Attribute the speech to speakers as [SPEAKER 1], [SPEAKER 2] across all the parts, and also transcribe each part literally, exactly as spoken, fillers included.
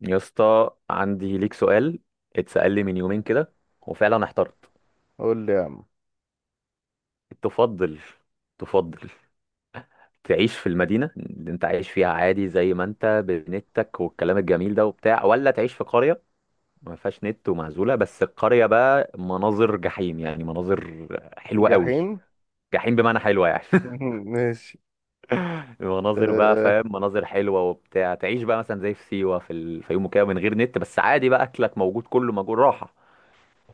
[SPEAKER 1] يا اسطى، عندي ليك سؤال اتسأل لي من يومين كده، وفعلا احترت.
[SPEAKER 2] قول لي يا عم.
[SPEAKER 1] تفضل، تفضل. تعيش في المدينة اللي انت عايش فيها عادي زي ما انت بنتك والكلام الجميل ده وبتاع، ولا تعيش في قرية ما فيهاش نت ومعزولة؟ بس القرية بقى مناظر جحيم، يعني مناظر حلوة قوي.
[SPEAKER 2] جحيم.
[SPEAKER 1] جحيم بمعنى حلوة يعني
[SPEAKER 2] ماشي.
[SPEAKER 1] مناظر بقى،
[SPEAKER 2] أه.
[SPEAKER 1] فاهم؟ مناظر حلوة وبتاع. تعيش بقى مثلا زي في سيوة، في الفيوم وكده، من غير نت، بس عادي بقى، اكلك موجود، كله موجود، راحة،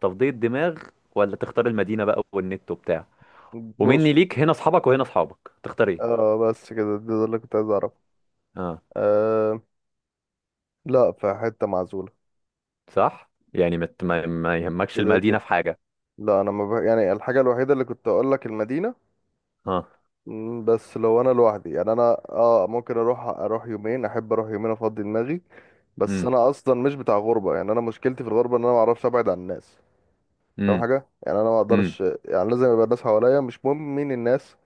[SPEAKER 1] تفضية دماغ. ولا تختار المدينة بقى والنت وبتاع، ومني
[SPEAKER 2] بص.
[SPEAKER 1] ليك هنا اصحابك وهنا اصحابك، تختار ايه؟
[SPEAKER 2] اه، بس كده ده ده اللي كنت عايز اعرفه.
[SPEAKER 1] اه.
[SPEAKER 2] أه. لا، في حتة معزولة.
[SPEAKER 1] صح. يعني مت ما, ما يهمكش
[SPEAKER 2] كده كده.
[SPEAKER 1] المدينة في حاجة.
[SPEAKER 2] لا، انا ما بح... يعني الحاجة الوحيدة اللي كنت اقول لك، المدينة.
[SPEAKER 1] اه.
[SPEAKER 2] مم، بس لو انا لوحدي، يعني انا. اه، ممكن اروح اروح يومين، احب اروح يومين افضي دماغي. بس
[SPEAKER 1] امم
[SPEAKER 2] انا اصلا مش بتاع غربة، يعني انا مشكلتي في الغربة ان انا ما اعرفش ابعد عن الناس. فاهم؟
[SPEAKER 1] امم
[SPEAKER 2] حاجة يعني انا ما
[SPEAKER 1] امم
[SPEAKER 2] اقدرش، يعني لازم يبقى الناس حواليا، مش مهم مين الناس.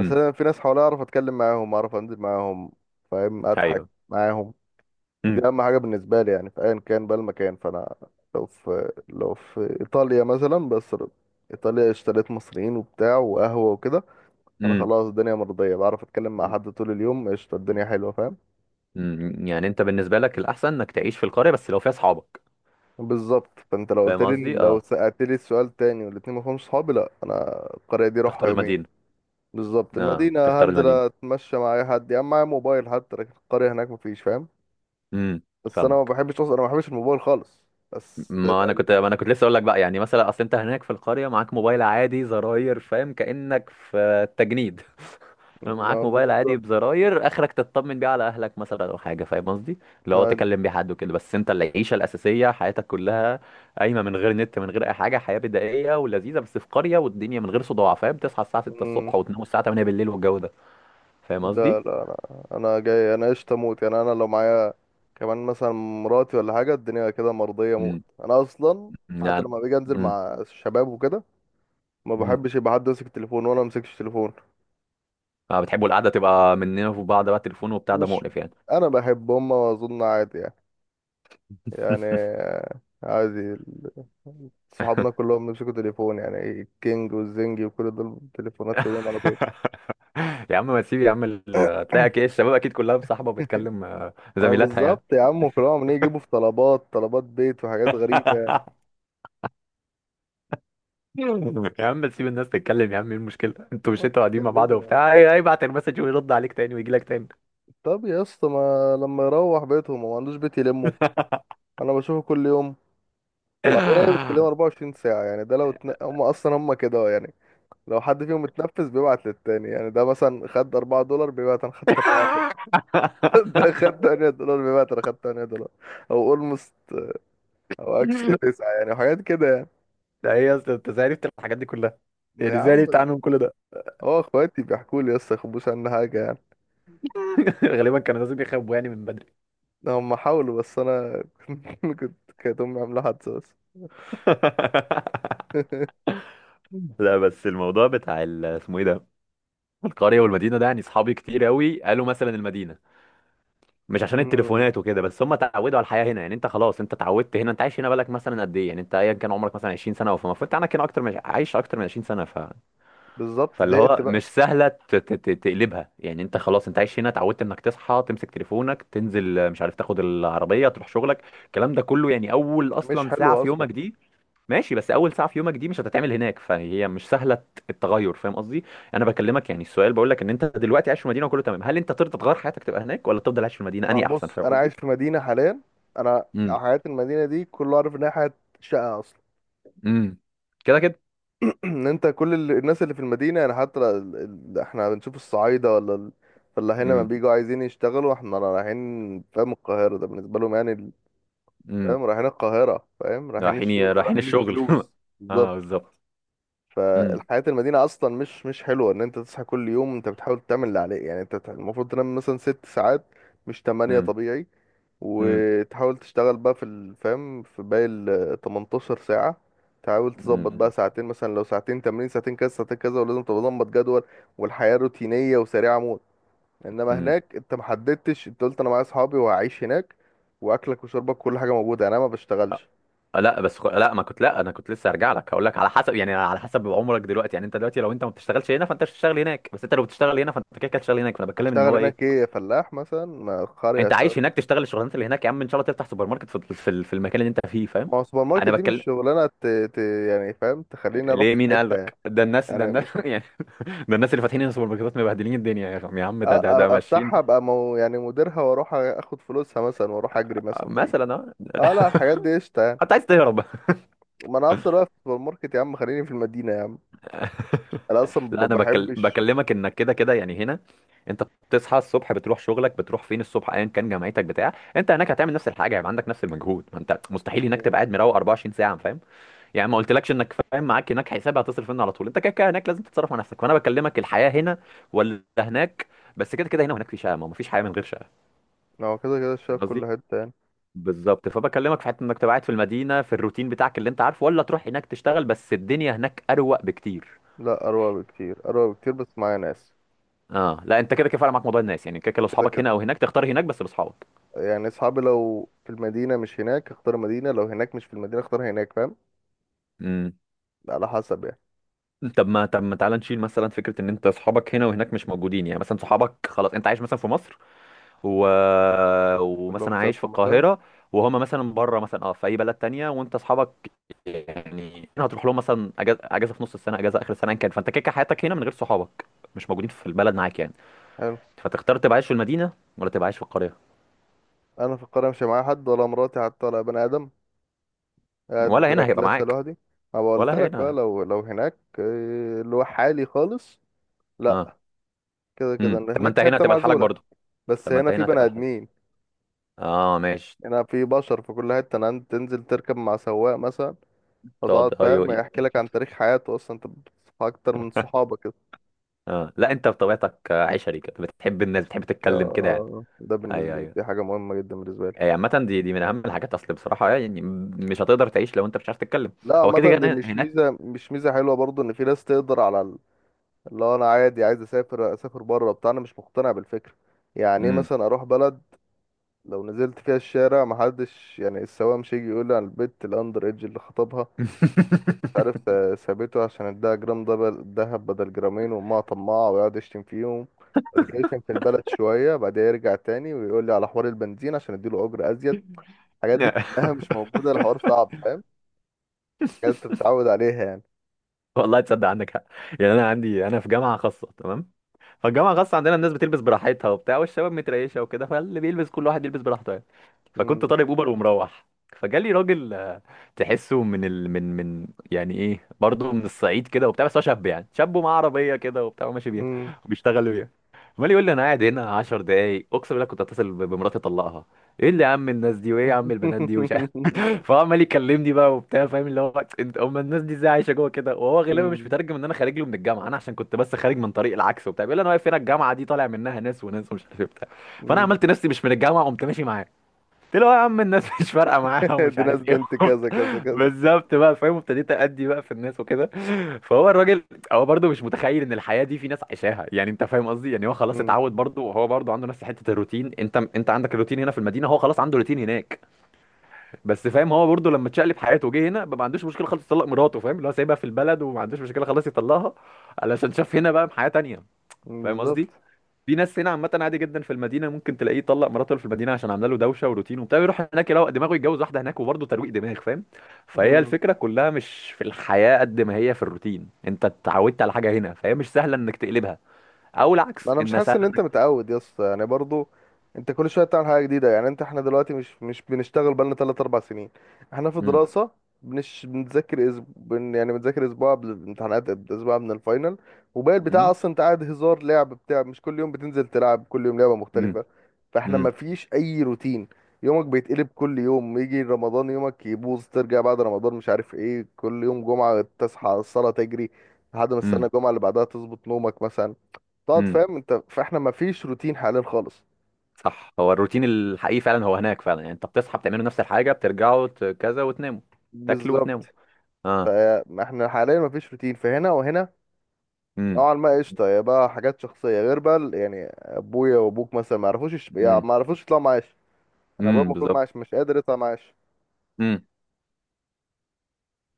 [SPEAKER 2] بس انا في ناس حواليا اعرف اتكلم معاهم، اعرف انزل معاهم. فاهم؟ اضحك
[SPEAKER 1] ايوه.
[SPEAKER 2] معاهم. دي
[SPEAKER 1] امم
[SPEAKER 2] اهم حاجه بالنسبه لي، يعني في ايا كان بقى المكان، فانا لو في لو في ايطاليا مثلا، بس ايطاليا اشتريت مصريين وبتاع وقهوه وكده، انا
[SPEAKER 1] امم
[SPEAKER 2] خلاص. الدنيا مرضيه، بعرف اتكلم مع حد طول اليوم، قشطه. الدنيا حلوه، فاهم؟
[SPEAKER 1] امم يعني انت بالنسبة لك الاحسن انك تعيش في القرية بس لو فيها اصحابك؟
[SPEAKER 2] بالظبط. فانت لو قلت
[SPEAKER 1] فاهم
[SPEAKER 2] لي،
[SPEAKER 1] قصدي؟
[SPEAKER 2] لو
[SPEAKER 1] اه،
[SPEAKER 2] سالت لي السؤال تاني والاتنين ما فيهمش صحابي، لا انا القريه دي اروحها
[SPEAKER 1] تختار
[SPEAKER 2] يومين.
[SPEAKER 1] المدينة.
[SPEAKER 2] بالظبط.
[SPEAKER 1] اه،
[SPEAKER 2] المدينه
[SPEAKER 1] تختار
[SPEAKER 2] هنزل
[SPEAKER 1] المدينة.
[SPEAKER 2] اتمشى مع اي حد يا عم، معايا موبايل حتى، لكن القريه هناك مفيش، فاهم؟
[SPEAKER 1] امم
[SPEAKER 2] بس انا ما
[SPEAKER 1] فاهمك.
[SPEAKER 2] بحبش اصلا، انا ما بحبش الموبايل خالص. بس
[SPEAKER 1] ما انا كنت
[SPEAKER 2] لو.
[SPEAKER 1] ما انا كنت لسه اقول لك بقى، يعني مثلا اصل انت هناك في القريه، معاك موبايل عادي زراير، فاهم؟ كانك في التجنيد
[SPEAKER 2] ما
[SPEAKER 1] معاك موبايل عادي
[SPEAKER 2] بالظبط.
[SPEAKER 1] بزراير، اخرك تطمن بيه على اهلك مثلا، او حاجه، فاهم قصدي؟ لو
[SPEAKER 2] ما.
[SPEAKER 1] تكلم بيه حد وكده، بس انت العيشه الاساسيه، حياتك كلها قايمه من غير نت، من غير اي حاجه، حياه بدائيه ولذيذه، بس في قريه، والدنيا من غير صداع، فاهم؟ تصحى الساعه ستة
[SPEAKER 2] مم.
[SPEAKER 1] الصبح وتنام الساعه تمانية بالليل والجو ده، فاهم قصدي؟
[SPEAKER 2] ده لا. انا انا جاي، انا قشطه موت، يعني انا لو معايا كمان مثلا مراتي ولا حاجه، الدنيا كده مرضيه موت،
[SPEAKER 1] امم
[SPEAKER 2] انا اصلا حتى
[SPEAKER 1] يعني.
[SPEAKER 2] لما باجي انزل
[SPEAKER 1] امم
[SPEAKER 2] مع الشباب وكده ما
[SPEAKER 1] امم
[SPEAKER 2] بحبش يبقى حد ماسك التليفون وانا ما امسكش تليفون.
[SPEAKER 1] اه، بتحبوا القعده تبقى مننا في بعض، بقى تليفون وبتاع ده
[SPEAKER 2] مش.
[SPEAKER 1] مقرف يعني
[SPEAKER 2] انا بحب هم، اظن عادي يعني. يعني عادي ال- صحابنا كلهم بيمسكوا تليفون، يعني الكينج والزنجي وكل دول تليفونات في ايديهم على طول.
[SPEAKER 1] يا عم ما تسيب يا عم، ال- هتلاقي أكي- الشباب اكيد كلها مصاحبه وبتكلم آه،
[SPEAKER 2] ما
[SPEAKER 1] زميلاتها يعني
[SPEAKER 2] بالظبط يا عم، كلهم عمالين يجيبوا في طلبات، طلبات بيت وحاجات غريبة يعني.
[SPEAKER 1] يا عم تسيب الناس تتكلم يا عم، ايه المشكله، انتوا مش
[SPEAKER 2] ما.
[SPEAKER 1] انتوا قاعدين مع بعض
[SPEAKER 2] تتكلموا يعني.
[SPEAKER 1] وبتاع، هي- هيبعت المسج ويرد عليك تاني ويجي لك تاني.
[SPEAKER 2] طب يا اسطى، ما لما يروح بيتهم هو، ما عندوش بيت يلمه؟ انا بشوفه كل يوم. وبعدين هي بتكلمه اربعه وعشرين ساعه ساعة، يعني ده لو اتن... هم اصلا هم كده يعني. لو حد فيهم اتنفس بيبعت للتاني، يعني ده مثلا خد اربع دولار، بيبعت انا خدت اربعه دولار. ده خد تمانيه دولار، بيبعت انا خدت تماني دولار. او اولموست. او اكشلي تسعه يعني، وحاجات كده يعني.
[SPEAKER 1] ده ايه يا اسطى، انت ازاي عرفت الحاجات دي كلها؟ يعني
[SPEAKER 2] يا
[SPEAKER 1] ازاي
[SPEAKER 2] عم.
[SPEAKER 1] عرفت عنهم كل ده؟
[SPEAKER 2] هو اخواتي بيحكوا لي يا اسطى، يخبوش عن حاجة يعني.
[SPEAKER 1] غالبا كانوا لازم يخبوا يعني من بدري.
[SPEAKER 2] هم حاولوا بس انا كنت. كانت امي عامله حادثه بس.
[SPEAKER 1] لا بس الموضوع بتاع ال- اسمه ايه ده، القريه والمدينه ده، يعني اصحابي كتير قوي قالوا مثلا المدينه، مش عشان
[SPEAKER 2] امم.
[SPEAKER 1] التليفونات وكده، بس هم اتعودوا على الحياه هنا، يعني انت خلاص انت اتعودت هنا، انت عايش هنا، بالك مثلا قد ايه؟ يعني انت ايا كان عمرك مثلا عشرين سنه، فالمفروض عندك هنا اكتر من عايش اكتر من عشرين سنه، ف...
[SPEAKER 2] بالظبط.
[SPEAKER 1] فاللي
[SPEAKER 2] زهقت
[SPEAKER 1] هو
[SPEAKER 2] بقى.
[SPEAKER 1] مش سهله ت... ت... ت- تقلبها، يعني انت خلاص انت عايش هنا، اتعودت انك تصحى تمسك تليفونك تنزل مش عارف تاخد العربيه تروح شغلك، الكلام ده كله، يعني اول
[SPEAKER 2] مش
[SPEAKER 1] اصلا ساعه
[SPEAKER 2] حلوه
[SPEAKER 1] في
[SPEAKER 2] اصلا.
[SPEAKER 1] يومك دي، ماشي، بس اول ساعه في يومك دي مش هتتعمل هناك، فهي مش سهله التغير، فاهم قصدي؟ انا بكلمك يعني، السؤال بقول لك ان انت دلوقتي عايش في المدينه وكله تمام، هل انت ترضى تغير حياتك تبقى هناك، ولا تفضل عايش في المدينه؟
[SPEAKER 2] ما هو
[SPEAKER 1] انهي احسن؟
[SPEAKER 2] بص،
[SPEAKER 1] فاهم
[SPEAKER 2] انا
[SPEAKER 1] قصدي؟
[SPEAKER 2] عايش في مدينه حاليا. انا
[SPEAKER 1] امم
[SPEAKER 2] حياه المدينه دي كله عارف انها حياه شقه اصلا.
[SPEAKER 1] امم كده كده.
[SPEAKER 2] ان انت كل ال- الناس اللي في المدينه، يعني حتى ال... ال... احنا بنشوف الصعايده ولا ال... فلاحين لما
[SPEAKER 1] امم
[SPEAKER 2] بيجوا عايزين يشتغلوا احنا رايحين، فاهم؟ القاهره ده بالنسبه لهم، يعني ال-
[SPEAKER 1] امم
[SPEAKER 2] فاهم، رايحين القاهره، فاهم، رايحين
[SPEAKER 1] رايحين،
[SPEAKER 2] الشغل،
[SPEAKER 1] رايحين
[SPEAKER 2] رايحين
[SPEAKER 1] الشغل
[SPEAKER 2] الفلوس. بالظبط.
[SPEAKER 1] اه بالظبط. امم
[SPEAKER 2] فالحياة المدينة أصلا مش مش حلوة، إن أنت تصحى كل يوم أنت بتحاول تعمل اللي عليك، يعني أنت المفروض تنام مثلا ست ساعات، مش تمانية،
[SPEAKER 1] امم
[SPEAKER 2] طبيعي.
[SPEAKER 1] امم
[SPEAKER 2] وتحاول تشتغل بقى في الفهم في باقي ال تمنتاشر ساعه ساعة. تحاول تظبط بقى
[SPEAKER 1] امم
[SPEAKER 2] ساعتين، مثلا لو ساعتين تمرين، ساعتين كذا، ساعتين كذا، ولازم تبقى ظبط جدول. والحياة روتينية وسريعة موت. انما
[SPEAKER 1] امم
[SPEAKER 2] هناك انت محددتش، انت قلت انا معايا اصحابي وهعيش هناك، واكلك وشربك كل حاجة موجودة، يعني انا ما بشتغلش.
[SPEAKER 1] آه، لا بس خ... لا ما كنت، لا انا كنت لسه هرجع لك هقول لك على حسب، يعني على حسب عمرك دلوقتي، يعني انت دلوقتي لو انت ما بتشتغلش هنا فانت مش هتشتغل هناك، بس انت لو بتشتغل هنا فانت كده كده هتشتغل هناك، فانا بتكلم ان
[SPEAKER 2] هشتغل
[SPEAKER 1] هو ايه،
[SPEAKER 2] هناك ايه، فلاح مثلا، ما قرية.
[SPEAKER 1] انت عايش هناك تشتغل الشغلانات اللي هناك، يا عم ان شاء الله تفتح سوبر ماركت في في, ال- في المكان اللي انت فيه، فاهم؟
[SPEAKER 2] ما هو سوبر ماركت
[SPEAKER 1] انا
[SPEAKER 2] دي مش
[SPEAKER 1] بتكلم.
[SPEAKER 2] شغلانه ت... ت... يعني، فاهم؟ تخليني اروح
[SPEAKER 1] ليه؟
[SPEAKER 2] في
[SPEAKER 1] مين قال
[SPEAKER 2] حته يعني.
[SPEAKER 1] لك ده الناس؟ ده
[SPEAKER 2] يعني
[SPEAKER 1] الناس
[SPEAKER 2] مش.
[SPEAKER 1] يعني، ده الناس اللي فاتحين هنا سوبر ماركتات مبهدلين الدنيا يا عم، يا عم
[SPEAKER 2] أ...
[SPEAKER 1] ده
[SPEAKER 2] أ-
[SPEAKER 1] ده ده ماشيين
[SPEAKER 2] افتحها ابقى مو... يعني مديرها، واروح اخد فلوسها مثلا، واروح اجري مثلا بعيد.
[SPEAKER 1] مثلا، اه
[SPEAKER 2] اه لا، الحاجات دي قشطه يعني.
[SPEAKER 1] انت عايز تهرب؟
[SPEAKER 2] ما انا هفضل واقف في السوبر ماركت يا عم، خليني في المدينه يا عم. انا اصلا
[SPEAKER 1] لا
[SPEAKER 2] ما
[SPEAKER 1] انا بكل...
[SPEAKER 2] بحبش.
[SPEAKER 1] بكلمك انك كده كده يعني هنا، انت بتصحى الصبح بتروح شغلك، بتروح فين الصبح ايا كان جامعتك بتاع، انت هناك هتعمل نفس الحاجه، هيبقى عندك نفس المجهود، ما انت مستحيل هناك تبقى قاعد مروق أربعة وعشرين ساعه، فاهم؟ يعني ما قلتلكش انك فاهم، معاك هناك حساب هتصرف منه على طول، انت كده كده هناك لازم تتصرف على نفسك، فانا بكلمك الحياه هنا ولا هناك؟ بس كده كده هنا وهناك في شقه، ما مفيش حياه من غير شقه،
[SPEAKER 2] هو كده كده
[SPEAKER 1] فاهم
[SPEAKER 2] شايف
[SPEAKER 1] قصدي؟
[SPEAKER 2] كل حته يعني.
[SPEAKER 1] بالظبط، فبكلمك في حته انك تبقى قاعد في المدينه في الروتين بتاعك اللي انت عارفه، ولا تروح هناك تشتغل، بس الدنيا هناك اروق بكتير.
[SPEAKER 2] لا، اروق بكتير، اروق بكتير، بس معايا ناس.
[SPEAKER 1] اه لا، انت كده كده فعلا معاك موضوع الناس، يعني كده كده لو
[SPEAKER 2] كده
[SPEAKER 1] اصحابك
[SPEAKER 2] كده.
[SPEAKER 1] هنا او هناك تختار هناك بس باصحابك.
[SPEAKER 2] يعني اصحابي لو في المدينه مش هناك، اختار مدينه. لو هناك مش في المدينه، اختار هناك، فاهم؟
[SPEAKER 1] امم
[SPEAKER 2] على حسب يعني.
[SPEAKER 1] طب ما، طب ما تعالى نشيل مثلا فكره ان انت اصحابك هنا وهناك مش موجودين، يعني مثلا صحابك خلاص انت عايش مثلا في مصر و...
[SPEAKER 2] كلهم
[SPEAKER 1] ومثلا عايش في
[SPEAKER 2] سافروا مثلا.
[SPEAKER 1] القاهره، وهما مثلا بره مثلا، اه، في اي بلد تانية وانت اصحابك، يعني هنا هتروح لهم مثلا اجازه، اجازه في نص السنه، اجازه اخر السنه ان كان، فانت كده كده حياتك هنا من غير صحابك، مش موجودين في البلد معاك يعني،
[SPEAKER 2] حلو.
[SPEAKER 1] فتختار تبقى عايش في المدينه ولا تبقى عايش في القريه؟
[SPEAKER 2] انا في القرية مش معايا حد، ولا مراتي حتى، ولا بني ادم. قاعد
[SPEAKER 1] ولا هنا هيبقى
[SPEAKER 2] ركلاسة
[SPEAKER 1] معاك؟
[SPEAKER 2] لوحدي. ما
[SPEAKER 1] ولا
[SPEAKER 2] بقولت لك بقى،
[SPEAKER 1] هنا؟
[SPEAKER 2] لو لو هناك إيه، اللي هو حالي خالص.
[SPEAKER 1] اه.
[SPEAKER 2] لا. كده كده
[SPEAKER 1] امم
[SPEAKER 2] انا
[SPEAKER 1] طب ما
[SPEAKER 2] هناك
[SPEAKER 1] انت
[SPEAKER 2] في
[SPEAKER 1] هنا
[SPEAKER 2] حتة
[SPEAKER 1] هتبقى لحالك
[SPEAKER 2] معزولة.
[SPEAKER 1] برضه؟
[SPEAKER 2] بس
[SPEAKER 1] طب ما انت
[SPEAKER 2] هنا في
[SPEAKER 1] هنا
[SPEAKER 2] بني
[SPEAKER 1] هتبقى الحل.
[SPEAKER 2] ادمين.
[SPEAKER 1] اه ماشي.
[SPEAKER 2] هنا في بشر في كل حتة، انا عندي تنزل تركب مع سواق مثلا، فتقعد،
[SPEAKER 1] تقعد، ايوه،
[SPEAKER 2] فاهم،
[SPEAKER 1] اي.
[SPEAKER 2] يحكي لك عن تاريخ حياته. اصلا انت بتصحى اكتر من صحابك كده.
[SPEAKER 1] اه لا، انت بطبيعتك آه، عشري كده، بتحب الناس، بتحب
[SPEAKER 2] ده
[SPEAKER 1] تتكلم كده يعني.
[SPEAKER 2] ده بالنسبة
[SPEAKER 1] ايوه،
[SPEAKER 2] لي
[SPEAKER 1] ايوه،
[SPEAKER 2] دي حاجة مهمة جدا بالنسبة لي.
[SPEAKER 1] اي. عامة دي دي من اهم الحاجات، اصل بصراحة يعني م- مش هتقدر تعيش لو انت مش عارف تتكلم.
[SPEAKER 2] لا،
[SPEAKER 1] هو كده
[SPEAKER 2] عامة
[SPEAKER 1] كده
[SPEAKER 2] دي مش ميزة،
[SPEAKER 1] هناك.
[SPEAKER 2] مش ميزة حلوة برضو، ان في ناس تقدر على. اللي هو انا عادي، عايز اسافر اسافر بره بتاع، انا مش مقتنع بالفكره. يعني ايه
[SPEAKER 1] امم
[SPEAKER 2] مثلا اروح بلد؟ لو نزلت فيها الشارع محدش، يعني السواق مش هيجي يقول لي على البت الاندر ايدج اللي خطبها، مش عارف سا- سابته عشان اداها جرام دبل دهب بدل جرامين، وامها طماعه ويقعد يشتم فيهم. بعد كده يشتم في البلد شويه، بعدها يرجع تاني ويقول لي على حوار البنزين عشان اديله اجر ازيد. الحاجات دي كلها مش موجوده، الحوار صعب، فاهم؟ حاجات انت بتتعود عليها يعني.
[SPEAKER 1] والله تصدق، عندك حق. يعني انا عندي، انا في جامعه خاصه تمام، فالجامعه الخاصه عندنا الناس بتلبس براحتها وبتاع، والشباب متريشه وكده، فاللي بيلبس كل واحد يلبس براحته يعني. فكنت
[SPEAKER 2] امم.
[SPEAKER 1] طالب اوبر ومروح، فجالي راجل آه، تحسه من ال... من من يعني ايه برضه، من الصعيد كده وبتاع، بس هو شاب يعني، شاب ومعاه عربيه كده وبتاع وماشي بيها وبيشتغل بيها. عمال يقول لي انا قاعد هنا عشر دقايق اقسم بالله كنت اتصل ب- بمراتي اطلقها. ايه اللي يا عم الناس دي، وايه يا عم البنات دي، ومش عارف فهو عمال يكلمني بقى وبتاع، فاهم اللي هو انت، هم الناس دي ازاي عايشه جوه كده؟ وهو غالبا مش
[SPEAKER 2] امم.
[SPEAKER 1] مترجم ان انا خارج له من الجامعه، انا عشان كنت بس خارج من طريق العكس وبتاع، بيقول لي انا واقف هنا الجامعه دي طالع منها ناس وناس ومش عارف إيه وبتاع، فانا عملت نفسي مش من الجامعه، قمت ماشي معاه، قلت له يا عم الناس مش فارقه معاها ومش
[SPEAKER 2] دي ناس
[SPEAKER 1] عارف ايه
[SPEAKER 2] بنت كذا كذا
[SPEAKER 1] وبتاع.
[SPEAKER 2] كذا.
[SPEAKER 1] بالظبط بقى فاهم، وابتديت ادي بقى في الناس وكده. فهو الراجل، هو برضه مش متخيل ان الحياه دي في ناس عايشاها، يعني انت فاهم قصدي، يعني هو خلاص
[SPEAKER 2] امم.
[SPEAKER 1] اتعود برضه، وهو برضه عنده نفس حته الروتين، انت انت عندك الروتين هنا في المدينه، هو خلاص عنده روتين هناك، بس فاهم، هو برضه لما اتشقلب حياته وجه هنا بقى، ما عندوش مشكله خالص يطلق مراته، فاهم اللي هو سايبها في البلد وما عندوش مشكله، خلاص يطلقها، علشان شاف هنا بقى حياه تانيه، فاهم قصدي؟
[SPEAKER 2] بالظبط.
[SPEAKER 1] في ناس هنا عامة عادي جدا، في المدينة ممكن تلاقيه طلق مراته اللي في المدينة عشان عاملة له دوشة وروتين وبتاع، يروح هناك يروق دماغه، يتجوز واحدة هناك، وبرضه ترويق دماغ، فاهم؟ فهي
[SPEAKER 2] مم.
[SPEAKER 1] الفكرة كلها مش في الحياة قد ما هي في الروتين، انت اتعودت على حاجة هنا فهي مش سهلة انك تقلبها، او العكس
[SPEAKER 2] انا مش
[SPEAKER 1] انها
[SPEAKER 2] حاسس ان
[SPEAKER 1] سهلة.
[SPEAKER 2] انت متعود يا اسطى، يعني برضو انت كل شويه بتعمل حاجه جديده. يعني انت، احنا دلوقتي مش مش بنشتغل بقالنا تلات اربع سنين. احنا في
[SPEAKER 1] امم
[SPEAKER 2] دراسه. بنش بنذاكر أسب... بن... يعني بنذاكر اسبوع قبل الامتحانات، اسبوع قبل الفاينل. وباقي البتاع
[SPEAKER 1] امم
[SPEAKER 2] اصلا انت قاعد، هزار، لعب بتاع، مش كل يوم بتنزل تلعب، كل يوم لعبه
[SPEAKER 1] امم
[SPEAKER 2] مختلفه. فاحنا ما
[SPEAKER 1] امم
[SPEAKER 2] فيش اي روتين. يومك بيتقلب كل يوم، يجي رمضان يومك يبوظ، ترجع بعد رمضان مش عارف ايه، كل يوم جمعه تصحى الصلاه تجري، لحد ما السنه
[SPEAKER 1] امم
[SPEAKER 2] الجمعه اللي بعدها تظبط نومك مثلا. تقعد
[SPEAKER 1] امم
[SPEAKER 2] فاهم انت، فاحنا ما فيش روتين حاليا خالص.
[SPEAKER 1] صح، هو الروتين الحقيقي فعلا هو هناك فعلا، يعني انت بتصحى بتعملوا نفس الحاجة بترجعوا ت- كذا وتناموا، تاكلوا
[SPEAKER 2] بالظبط.
[SPEAKER 1] وتناموا. اه.
[SPEAKER 2] فاحنا حاليا ما فيش روتين، فهنا وهنا
[SPEAKER 1] امم
[SPEAKER 2] نوعا ما قشطه. يا بقى حاجات شخصيه غير بقى ال- يعني ابويا وابوك مثلا ما يعرفوش يش- يعني
[SPEAKER 1] امم
[SPEAKER 2] ما يعرفوش يطلعوا معاش. انا ابويا
[SPEAKER 1] امم
[SPEAKER 2] المفروض
[SPEAKER 1] بالظبط.
[SPEAKER 2] معاش، مش قادر يطلع معاش.
[SPEAKER 1] امم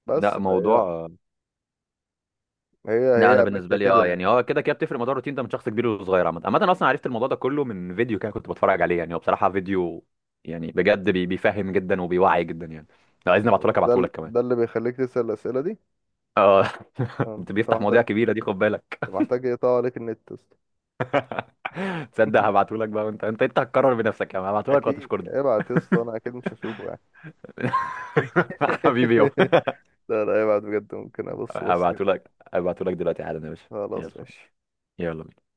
[SPEAKER 2] بس
[SPEAKER 1] لا
[SPEAKER 2] فهي.
[SPEAKER 1] موضوع. لا
[SPEAKER 2] هي
[SPEAKER 1] انا
[SPEAKER 2] هي ماشيه
[SPEAKER 1] بالنسبه لي
[SPEAKER 2] كده
[SPEAKER 1] اه،
[SPEAKER 2] يعني.
[SPEAKER 1] يعني هو كده كده بتفرق، موضوع الروتين ده من شخص كبير وصغير عامه، عامه انا اصلا عرفت الموضوع ده كله من فيديو كده كنت بتفرج عليه، يعني هو بصراحه فيديو يعني بجد بي- بيفهم جدا وبيوعي جدا يعني، لو عايزني ابعته لك
[SPEAKER 2] ده
[SPEAKER 1] ابعته
[SPEAKER 2] ال-
[SPEAKER 1] لك كمان.
[SPEAKER 2] ده اللي بيخليك تسال الاسئله دي.
[SPEAKER 1] اه
[SPEAKER 2] اه، انت
[SPEAKER 1] انت بيفتح
[SPEAKER 2] محتاج
[SPEAKER 1] مواضيع كبيره دي، خد بالك.
[SPEAKER 2] انت محتاج يقطع عليك النت يا اسطى.
[SPEAKER 1] تصدق هبعته لك بقى، وانت انت انت هتكرر بنفسك، يعني هبعته لك
[SPEAKER 2] اكيد
[SPEAKER 1] وهتشكرني
[SPEAKER 2] ابعت يا اسطى، انا اكيد مش هشوفه يعني.
[SPEAKER 1] حبيبي يابا.
[SPEAKER 2] لا، لا، ابعت بجد، ممكن ابص، بص كده.
[SPEAKER 1] هبعته لك، هبعته لك دلوقتي حالا يا باشا.
[SPEAKER 2] خلاص
[SPEAKER 1] يلا،
[SPEAKER 2] ماشي.
[SPEAKER 1] يلا.